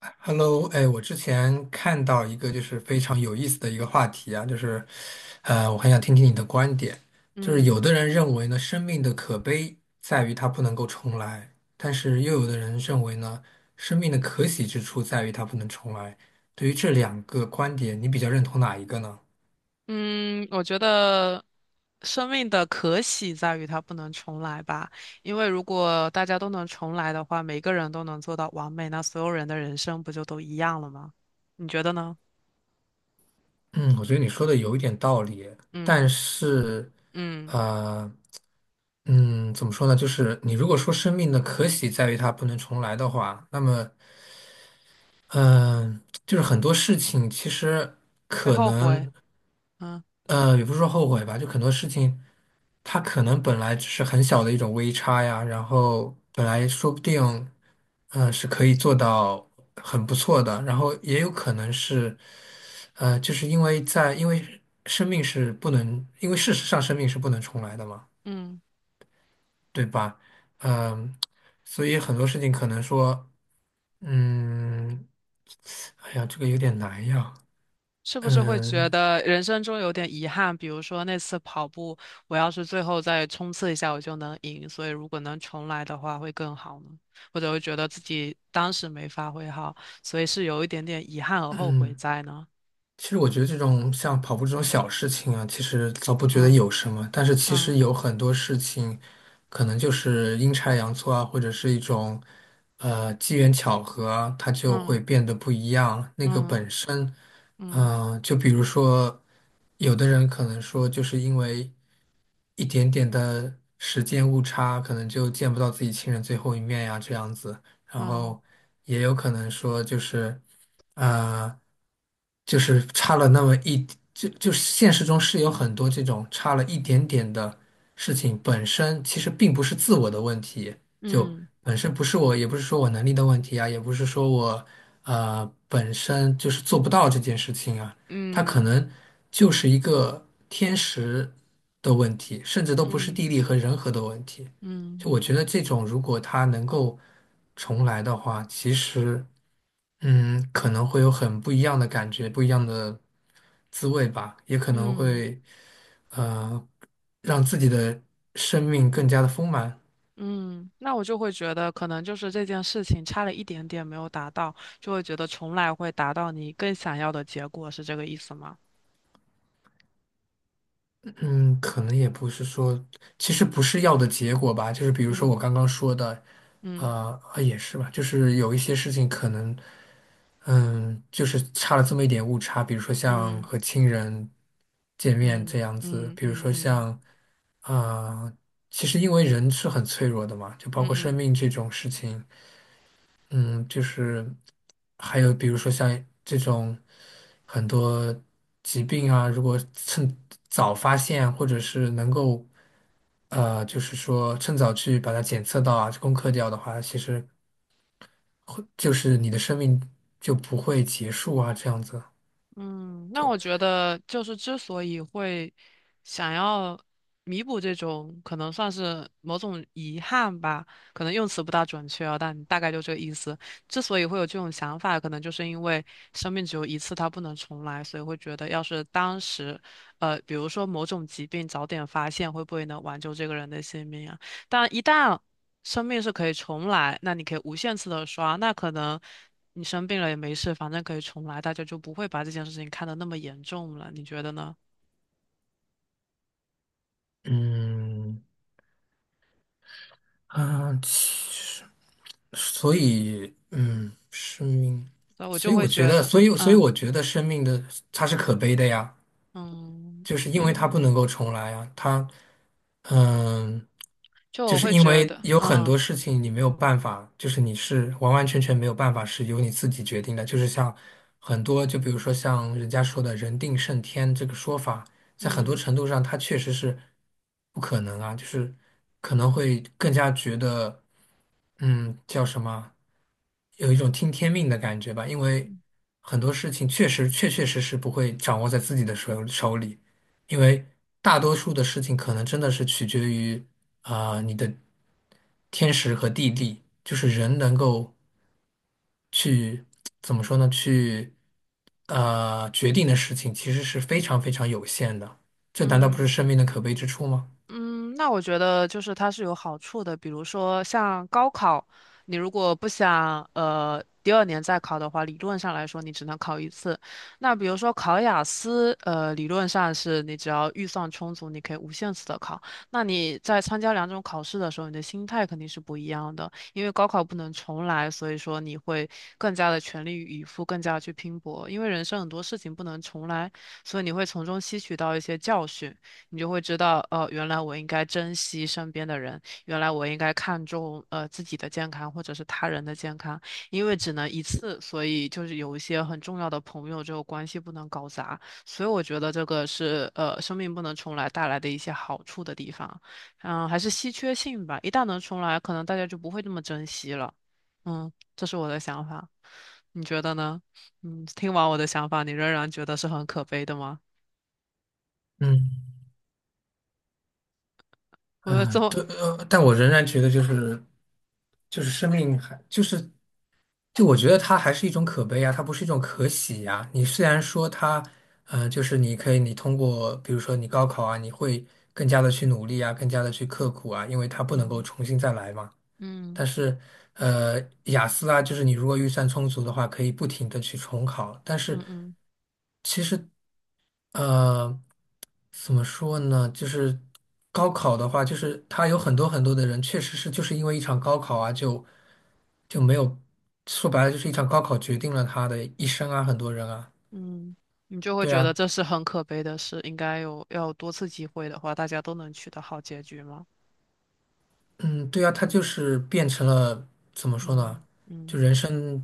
Hello，哎，我之前看到一个就是非常有意思的一个话题啊，就是，我很想听听你的观点。就是嗯有的人认为呢，生命的可悲在于它不能够重来，但是又有的人认为呢，生命的可喜之处在于它不能重来。对于这两个观点，你比较认同哪一个呢？嗯，我觉得生命的可喜在于它不能重来吧，因为如果大家都能重来的话，每个人都能做到完美，那所有人的人生不就都一样了吗？你觉得呢？嗯，我觉得你说的有一点道理，但嗯是，嗯，呃，怎么说呢？就是你如果说生命的可喜在于它不能重来的话，那么嗯，就是很多事情其实会可后悔，能，嗯也不是说后悔吧，就很多事情，它可能本来只是很小的一种微差呀，然后本来说不定，嗯、是可以做到很不错的，然后也有可能是，就是因为在，因为生命是不能，因为事实上生命是不能重来的嘛，嗯。对吧？嗯，所以很多事情可能说。嗯，哎呀，这个有点难呀。是不是会觉嗯得人生中有点遗憾？比如说那次跑步，我要是最后再冲刺一下，我就能赢。所以如果能重来的话，会更好呢？或者会觉得自己当时没发挥好，所以是有一点点遗憾和后悔嗯，在呢？其实我觉得这种像跑步这种小事情啊，其实倒不觉得嗯有什么，但是其嗯实有很多事情，可能就是阴差阳错啊，或者是一种机缘巧合啊，它就会嗯变得不一样。那个嗯本身，嗯嗯、就比如说，有的人可能说，就是因为一点点的时间误差，可能就见不到自己亲人最后一面呀，这样子。然嗯后也有可能说就是，呃，就是差了那么一，就是现实中是有很多这种差了一点点的事情，本身其实并不是自我的问题，就嗯本身不是我，也不是说我能力的问题啊，也不是说我本身就是做不到这件事情啊，它可嗯能就是一个天时的问题，甚至都不是嗯地嗯利和人和的问题。嗯就我嗯觉得这种如果它能够重来的话，其实嗯，可能会有很不一样的感觉，不一样的滋味吧，也可能嗯会呃让自己的生命更加的丰满。嗯，那我就会觉得，可能就是这件事情差了一点点没有达到，就会觉得重来会达到你更想要的结果，是这个意思吗？嗯，可能也不是说，其实不是要的结果吧，就是比如说嗯我刚刚说的，嗯啊也是吧，就是有一些事情可能，嗯，就是差了这么一点误差，比如说像嗯和亲人见面嗯这样子，嗯比如嗯嗯说嗯像，啊、其实因为人是很脆弱的嘛，就包括嗯生嗯。命这种事情。嗯，就是还有比如说像这种很多疾病啊，如果趁早发现，或者是能够就是说趁早去把它检测到啊，攻克掉的话，其实就是你的生命就不会结束啊，这样子嗯，那我就觉得就是之所以会想要弥补这种可能算是某种遗憾吧，可能用词不大准确啊，但大概就这个意思。之所以会有这种想法，可能就是因为生命只有一次，它不能重来，所以会觉得要是当时，比如说某种疾病早点发现，会不会能挽救这个人的性命啊？但一旦生命是可以重来，那你可以无限次的刷，那可能你生病了也没事，反正可以重来，大家就不会把这件事情看得那么严重了，你觉得呢？嗯其实所以嗯，生命，所以我所就以会我觉觉得，得，所以嗯我觉得生命的它是可悲的呀。嗯就是因为它不能嗯，够重来啊，它嗯，就就我是会因觉为得，有很嗯多事情你没有办法，就是你是完完全全没有办法是由你自己决定的，就是像很多，就比如说像人家说的“人定胜天”这个说法，在很嗯多嗯程度上它确实是不可能啊，就是可能会更加觉得，嗯，叫什么，有一种听天命的感觉吧，因为很多事情确实确确实实不会掌握在自己的手里。因为大多数的事情可能真的是取决于啊、你的天时和地利，就是人能够去怎么说呢？去决定的事情其实是非常非常有限的，这难道不是嗯。生命的可悲之处吗？嗯，那我觉得就是它是有好处的，比如说像高考，你如果不想第二年再考的话，理论上来说你只能考一次。那比如说考雅思，理论上是你只要预算充足，你可以无限次的考。那你在参加两种考试的时候，你的心态肯定是不一样的，因为高考不能重来，所以说你会更加的全力以赴，更加地去拼搏，因为人生很多事情不能重来，所以你会从中吸取到一些教训。你就会知道，原来我应该珍惜身边的人，原来我应该看重自己的健康或者是他人的健康，因为只能一次，所以就是有一些很重要的朋友，这个关系不能搞砸，所以我觉得这个是生命不能重来带来的一些好处的地方，嗯，还是稀缺性吧，一旦能重来，可能大家就不会这么珍惜了，嗯，这是我的想法，你觉得呢？嗯，听完我的想法，你仍然觉得是很可悲的吗？嗯。我这么，对，但我仍然觉得就是就是生命还就是就我觉得它还是一种可悲啊，它不是一种可喜呀、你虽然说它，就是你可以通过比如说你高考啊，你会更加的去努力啊，更加的去刻苦啊，因为它不能够嗯重新再来嘛。嗯。但是，雅思啊，就是你如果预算充足的话，可以不停的去重考。但是，嗯嗯其实，呃，怎么说呢？就是高考的话，就是他有很多很多的人，确实是就是因为一场高考啊，就没有，说白了就是一场高考决定了他的一生啊，很多人啊，嗯，你就会对觉得啊，这是很可悲的事，应该有要有多次机会的话，大家都能取得好结局吗？嗯，对啊，他就是变成了怎么说呢？嗯就嗯人生。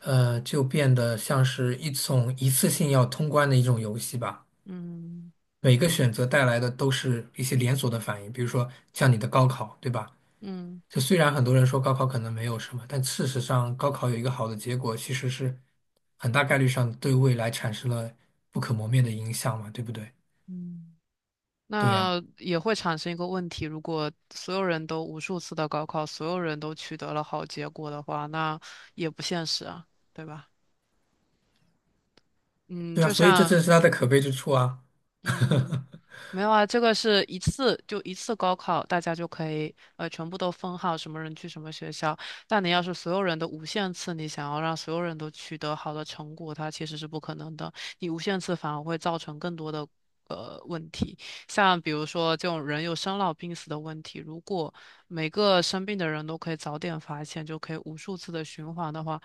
就变得像是一种一次性要通关的一种游戏吧。嗯每个选择带来的都是一些连锁的反应，比如说像你的高考，对吧？嗯就虽然很多人说高考可能没有什么，但事实上高考有一个好的结果，其实是很大概率上对未来产生了不可磨灭的影响嘛，对不对？嗯，对呀，那也会产生一个问题，如果所有人都无数次的高考，所有人都取得了好结果的话，那也不现实啊，对吧？嗯，对呀，就所以这正像是它的可悲之处啊。嗯，没有啊，这个是一次就一次高考，大家就可以全部都分好什么人去什么学校。但你要是所有人都无限次，你想要让所有人都取得好的成果，它其实是不可能的。你无限次反而会造成更多的问题，像比如说这种人有生老病死的问题，如果每个生病的人都可以早点发现，就可以无数次的循环的话，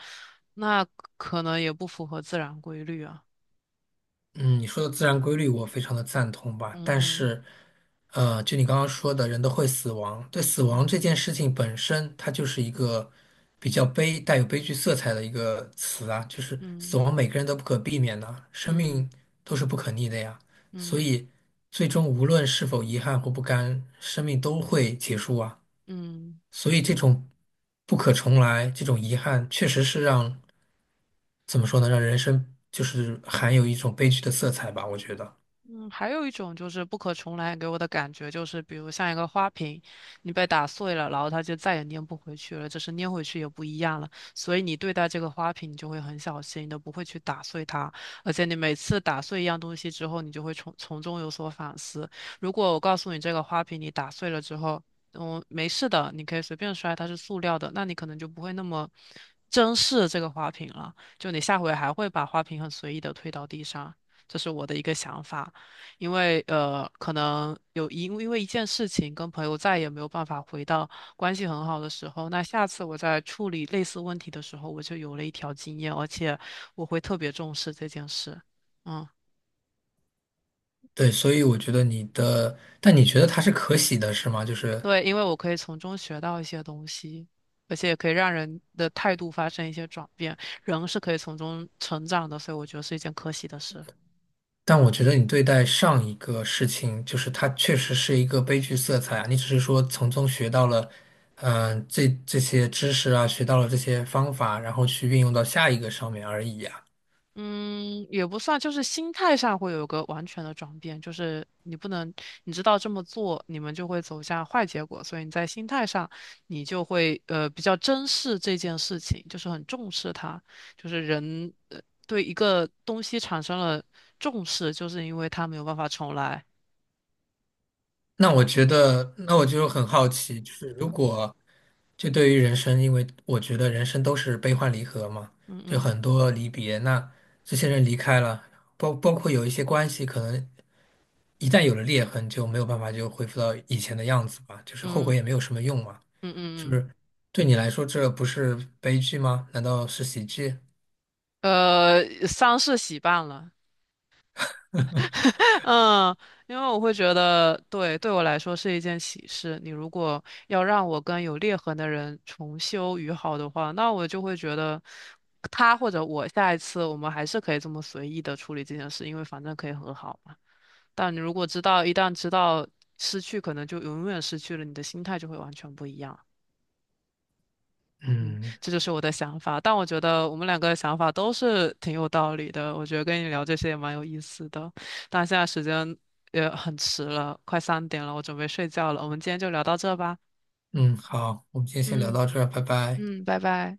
那可能也不符合自然规律啊。嗯，你说的自然规律我非常的赞同吧，嗯但嗯是，就你刚刚说的，人都会死亡，对死嗯亡这件事情本身，它就是一个比较悲，带有悲剧色彩的一个词啊，就是死嗯亡每个人都不可避免的，生嗯。命都是不可逆的呀，所嗯以最终无论是否遗憾或不甘，生命都会结束啊。嗯。所以这种不可重来，这种遗憾，确实是让，怎么说呢，让人生就是含有一种悲剧的色彩吧，我觉得。嗯，还有一种就是不可重来给我的感觉，就是比如像一个花瓶，你被打碎了，然后它就再也粘不回去了，就是粘回去也不一样了。所以你对待这个花瓶，你就会很小心的，你都不会去打碎它。而且你每次打碎一样东西之后，你就会从中有所反思。如果我告诉你这个花瓶你打碎了之后，嗯，没事的，你可以随便摔，它是塑料的，那你可能就不会那么珍视这个花瓶了。就你下回还会把花瓶很随意的推到地上，这是我的一个想法。因为可能因为一件事情跟朋友再也没有办法回到关系很好的时候，那下次我在处理类似问题的时候，我就有了一条经验，而且我会特别重视这件事。嗯，对，所以我觉得你的，但你觉得它是可喜的，是吗？就是，对，因为我可以从中学到一些东西，而且也可以让人的态度发生一些转变，人是可以从中成长的，所以我觉得是一件可喜的事。但我觉得你对待上一个事情，就是它确实是一个悲剧色彩啊，你只是说从中学到了，嗯、这些知识啊，学到了这些方法，然后去运用到下一个上面而已呀、嗯，也不算，就是心态上会有个完全的转变，就是你不能，你知道这么做，你们就会走向坏结果，所以你在心态上，你就会比较珍视这件事情，就是很重视它，就是人对一个东西产生了重视，就是因为它没有办法重来。那我觉得，那我就很好奇，就是如嗯果就对于人生，因为我觉得人生都是悲欢离合嘛，嗯就嗯很多离别。那这些人离开了，包括有一些关系，可能一旦有了裂痕，就没有办法就恢复到以前的样子吧，就是后悔嗯也没有什么用嘛。嗯就嗯是对你来说，这不是悲剧吗？难道是喜剧？嗯，丧事喜办了。嗯，因为我会觉得，对，对我来说是一件喜事。你如果要让我跟有裂痕的人重修于好的话，那我就会觉得他或者我下一次我们还是可以这么随意的处理这件事，因为反正可以和好嘛。但你如果知道，一旦知道失去，可能就永远失去了，你的心态就会完全不一样。嗯，嗯这就是我的想法。但我觉得我们两个的想法都是挺有道理的。我觉得跟你聊这些也蛮有意思的。但现在时间也很迟了，快3点了，我准备睡觉了。我们今天就聊到这吧。嗯，好，我们今天先聊嗯到这儿，拜拜。嗯，拜拜。